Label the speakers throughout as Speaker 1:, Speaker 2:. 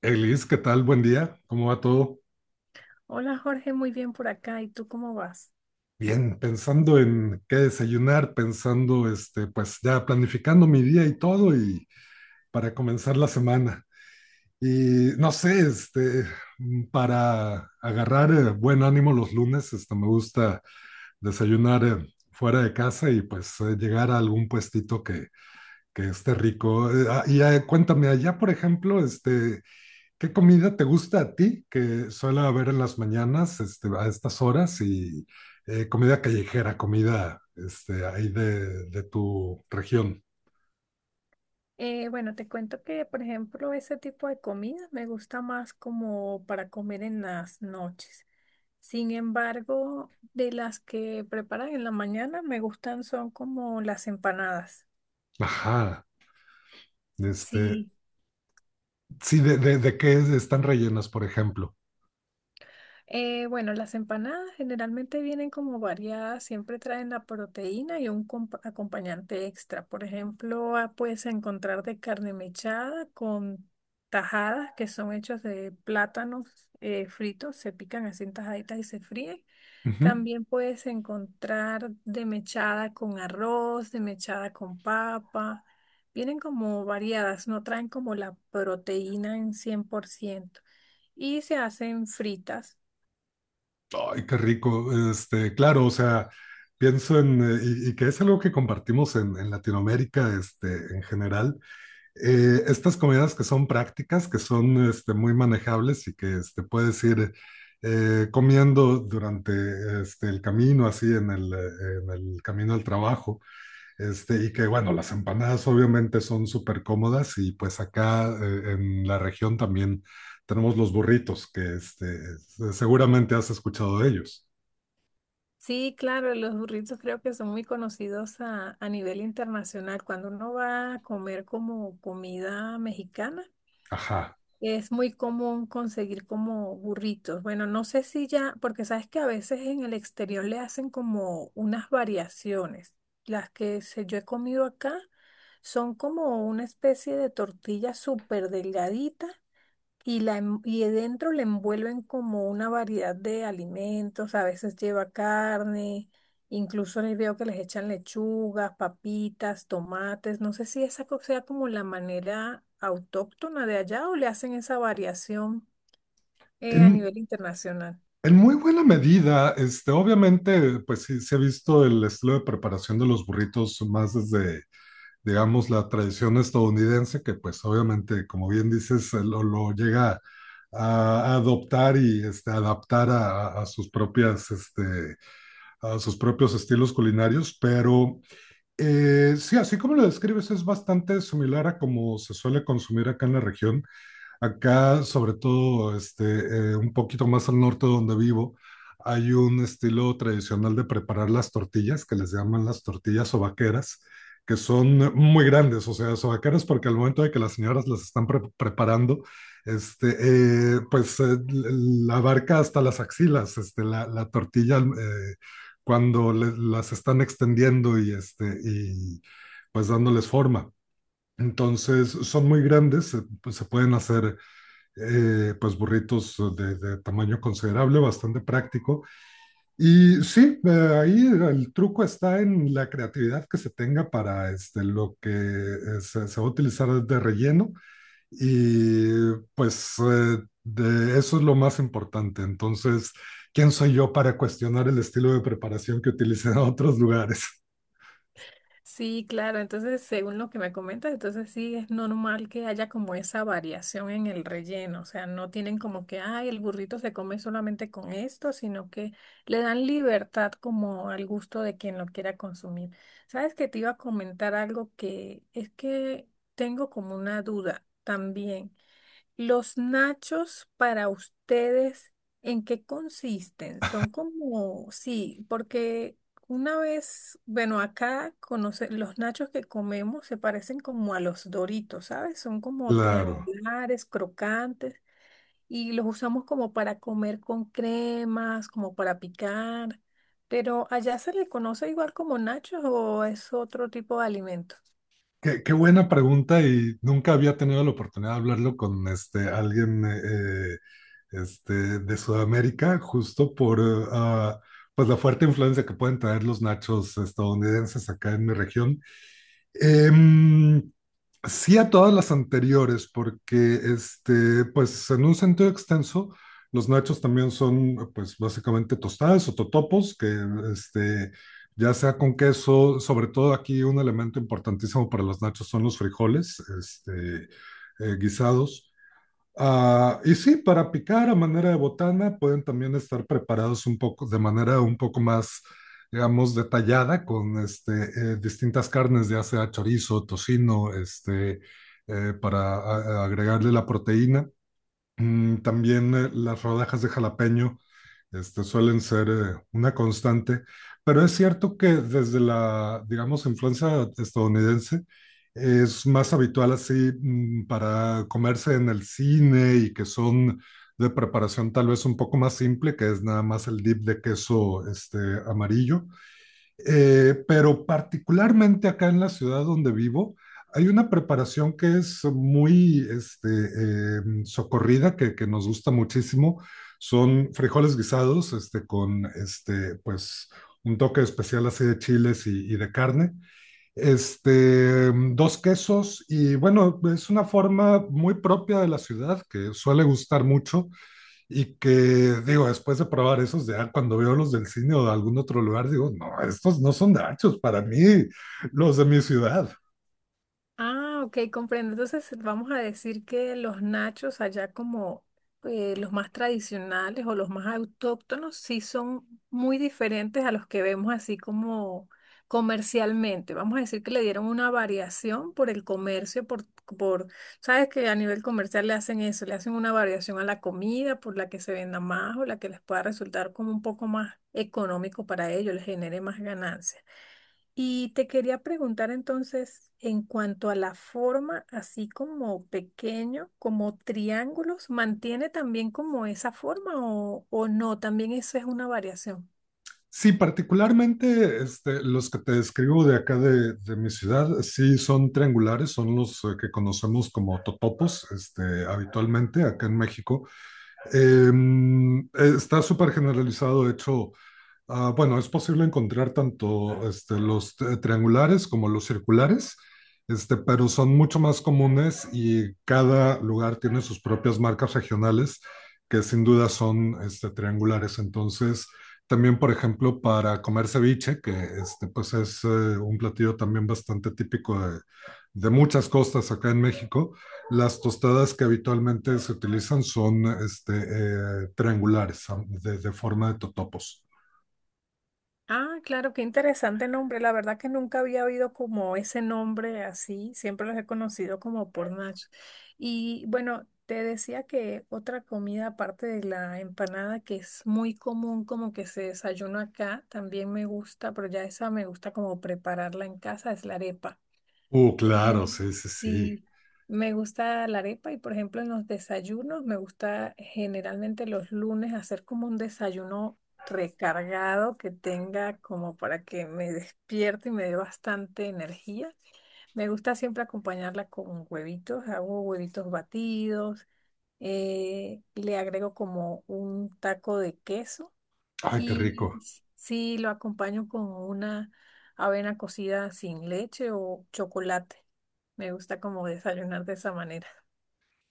Speaker 1: Elis, ¿qué tal? Buen día, ¿cómo va todo?
Speaker 2: Hola Jorge, muy bien por acá. ¿Y tú cómo vas?
Speaker 1: Bien, pensando en qué desayunar, pensando, pues ya planificando mi día y todo y para comenzar la semana. Y no sé, para agarrar buen ánimo los lunes, me gusta desayunar fuera de casa y pues llegar a algún puestito que esté rico. Y cuéntame, allá por ejemplo, ¿qué comida te gusta a ti que suele haber en las mañanas, este, a estas horas? Y comida callejera, comida ahí de tu región.
Speaker 2: Bueno, te cuento que, por ejemplo, ese tipo de comida me gusta más como para comer en las noches. Sin embargo, de las que preparan en la mañana me gustan son como las empanadas.
Speaker 1: Ajá. Este,
Speaker 2: Sí.
Speaker 1: sí, de qué están rellenas, por ejemplo.
Speaker 2: Bueno, las empanadas generalmente vienen como variadas, siempre traen la proteína y un acompañante extra. Por ejemplo, ah, puedes encontrar de carne mechada con tajadas que son hechas de plátanos fritos, se pican así en tajaditas y se fríen.
Speaker 1: Ujú.
Speaker 2: También puedes encontrar de mechada con arroz, de mechada con papa. Vienen como variadas, no traen como la proteína en 100% y se hacen fritas.
Speaker 1: Ay, qué rico. Este, claro, o sea, pienso en. Y que es algo que compartimos en Latinoamérica, este, en general estas comidas que son prácticas, que son este, muy manejables y que este, puedes ir comiendo durante el camino, así en en el camino al trabajo, y que bueno, las empanadas obviamente son súper cómodas y pues acá en la región también tenemos los burritos, que este, seguramente has escuchado de ellos.
Speaker 2: Sí, claro, los burritos creo que son muy conocidos a nivel internacional. Cuando uno va a comer como comida mexicana,
Speaker 1: Ajá.
Speaker 2: es muy común conseguir como burritos. Bueno, no sé si ya, porque sabes que a veces en el exterior le hacen como unas variaciones. Las que yo he comido acá son como una especie de tortilla súper delgadita y, la, y dentro le envuelven como una variedad de alimentos, a veces lleva carne, incluso les veo que les echan lechugas, papitas, tomates, no sé si esa sea como la manera autóctona de allá o le hacen esa variación a
Speaker 1: En,
Speaker 2: nivel internacional.
Speaker 1: En muy buena medida, este, obviamente, pues sí se ha visto el estilo de preparación de los burritos más desde, digamos, la tradición estadounidense, que pues obviamente, como bien dices, lo llega a adoptar y este, adaptar a sus propias, este, a sus propios estilos culinarios, pero sí, así como lo describes, es bastante similar a como se suele consumir acá en la región. Acá, sobre todo, un poquito más al norte donde vivo, hay un estilo tradicional de preparar las tortillas, que les llaman las tortillas sobaqueras, que son muy grandes, o sea, sobaqueras porque al momento de que las señoras las están preparando, este, pues la abarca hasta las axilas, este, la tortilla cuando las están extendiendo y, este, y pues dándoles forma. Entonces, son muy grandes, pues, se pueden hacer pues burritos tamaño considerable, bastante práctico. Y sí, ahí el truco está en la creatividad que se tenga para este, lo que se va a utilizar de relleno. Y pues de eso es lo más importante. Entonces, ¿quién soy yo para cuestionar el estilo de preparación que utilizan en otros lugares?
Speaker 2: Sí, claro, entonces según lo que me comentas, entonces sí es normal que haya como esa variación en el relleno, o sea, no tienen como que, ay, el burrito se come solamente con esto, sino que le dan libertad como al gusto de quien lo quiera consumir. Sabes que te iba a comentar algo que es que tengo como una duda también. Los nachos para ustedes, ¿en qué consisten? Son como, sí, porque una vez, bueno, acá conoce, los nachos que comemos se parecen como a los Doritos, ¿sabes? Son como
Speaker 1: Claro.
Speaker 2: triangulares, crocantes, y los usamos como para comer con cremas, como para picar, pero allá se le conoce igual como nachos o es otro tipo de alimento.
Speaker 1: Qué, qué buena pregunta y nunca había tenido la oportunidad de hablarlo con este, alguien este, de Sudamérica, justo por pues la fuerte influencia que pueden traer los nachos estadounidenses acá en mi región. Em, Sí a todas las anteriores, porque este, pues en un sentido extenso, los nachos también son pues básicamente tostadas o totopos, que este, ya sea con queso, sobre todo aquí un elemento importantísimo para los nachos son los frijoles, guisados. Ah, y sí, para picar a manera de botana pueden también estar preparados un poco de manera un poco más, digamos, detallada con distintas carnes, ya sea chorizo, tocino, para agregarle la proteína. Mm, también las rodajas de jalapeño este, suelen ser una constante, pero es cierto que desde la, digamos, influencia estadounidense es más habitual así para comerse en el cine y que son de preparación tal vez un poco más simple, que es nada más el dip de queso este, amarillo pero particularmente acá en la ciudad donde vivo, hay una preparación que es muy socorrida, que nos gusta muchísimo. Son frijoles guisados, con pues, un toque especial así de chiles y de carne. Este, dos quesos y bueno, es una forma muy propia de la ciudad que suele gustar mucho y que digo, después de probar esos, ya cuando veo los del cine o de algún otro lugar, digo, no, estos no son nachos para mí, los de mi ciudad.
Speaker 2: Ah, ok, comprendo. Entonces vamos a decir que los nachos allá como los más tradicionales o los más autóctonos sí son muy diferentes a los que vemos así como comercialmente. Vamos a decir que le dieron una variación por el comercio, por, sabes que a nivel comercial le hacen eso, le hacen una variación a la comida por la que se venda más o la que les pueda resultar como un poco más económico para ellos, les genere más ganancias. Y te quería preguntar entonces, en cuanto a la forma, así como pequeño, como triángulos, ¿mantiene también como esa forma o no? También eso es una variación.
Speaker 1: Sí, particularmente este, los que te describo de acá de mi ciudad, sí son triangulares, son los que conocemos como totopos este, habitualmente acá en México. Eh, está súper generalizado, de hecho. Ah, bueno, es posible encontrar tanto este, los triangulares como los circulares, este, pero son mucho más comunes y cada lugar tiene sus propias marcas regionales que sin duda son este, triangulares. Entonces, también, por ejemplo, para comer ceviche, que este, pues es un platillo también bastante típico de muchas costas acá en México, las tostadas que habitualmente se utilizan son triangulares, de forma de totopos.
Speaker 2: Ah, claro, qué interesante nombre. La verdad que nunca había oído como ese nombre así. Siempre los he conocido como por nachos. Y bueno, te decía que otra comida aparte de la empanada que es muy común como que se desayuna acá, también me gusta, pero ya esa me gusta como prepararla en casa, es la arepa.
Speaker 1: Claro,
Speaker 2: Eh,
Speaker 1: sí, sí, sí.
Speaker 2: sí, me gusta la arepa y por ejemplo en los desayunos me gusta generalmente los lunes hacer como un desayuno recargado que tenga como para que me despierte y me dé bastante energía. Me gusta siempre acompañarla con huevitos, hago huevitos batidos, le agrego como un taco de queso
Speaker 1: Ay, qué
Speaker 2: y
Speaker 1: rico.
Speaker 2: sí, lo acompaño con una avena cocida sin leche o chocolate. Me gusta como desayunar de esa manera.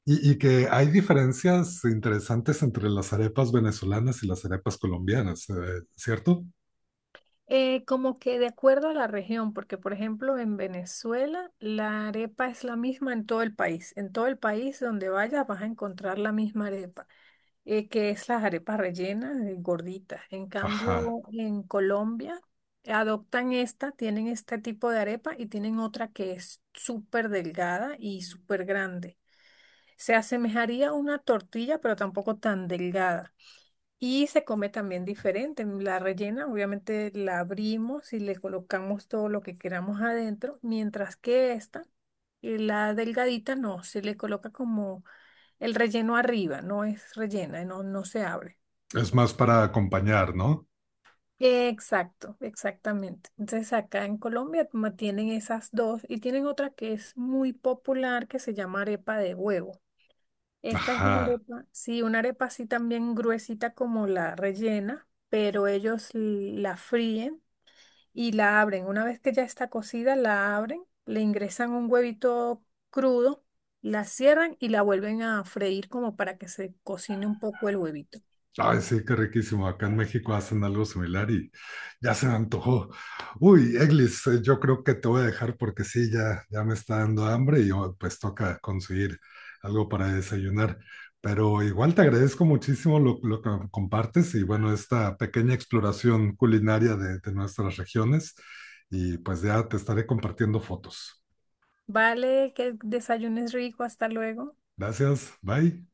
Speaker 1: Y que hay diferencias interesantes entre las arepas venezolanas y las arepas colombianas, ¿cierto?
Speaker 2: Como que de acuerdo a la región, porque por ejemplo en Venezuela la arepa es la misma en todo el país. En todo el país donde vayas vas a encontrar la misma arepa. Eh, que es las arepas rellenas, gorditas. En cambio,
Speaker 1: Ajá.
Speaker 2: en Colombia adoptan esta, tienen este tipo de arepa y tienen otra que es súper delgada y súper grande. Se asemejaría a una tortilla, pero tampoco tan delgada. Y se come también diferente. La rellena, obviamente, la abrimos y le colocamos todo lo que queramos adentro, mientras que esta, la delgadita, no, se le coloca como el relleno arriba, no es rellena, no, no se abre.
Speaker 1: Es más para acompañar, ¿no?
Speaker 2: Exacto, exactamente. Entonces acá en Colombia como tienen esas dos y tienen otra que es muy popular que se llama arepa de huevo. Esta es una
Speaker 1: Ajá.
Speaker 2: arepa, sí, una arepa así también gruesita como la rellena, pero ellos la fríen y la abren. Una vez que ya está cocida, la abren, le ingresan un huevito crudo, la cierran y la vuelven a freír como para que se cocine un poco el huevito.
Speaker 1: Ay, sí, qué riquísimo. Acá en México hacen algo similar y ya se me antojó. Uy, Eglis, yo creo que te voy a dejar porque sí, ya me está dando hambre y oh, pues toca conseguir algo para desayunar. Pero igual te agradezco muchísimo lo que me compartes y bueno, esta pequeña exploración culinaria de nuestras regiones y pues ya te estaré compartiendo fotos.
Speaker 2: Vale, que desayunes rico, hasta luego.
Speaker 1: Gracias, bye.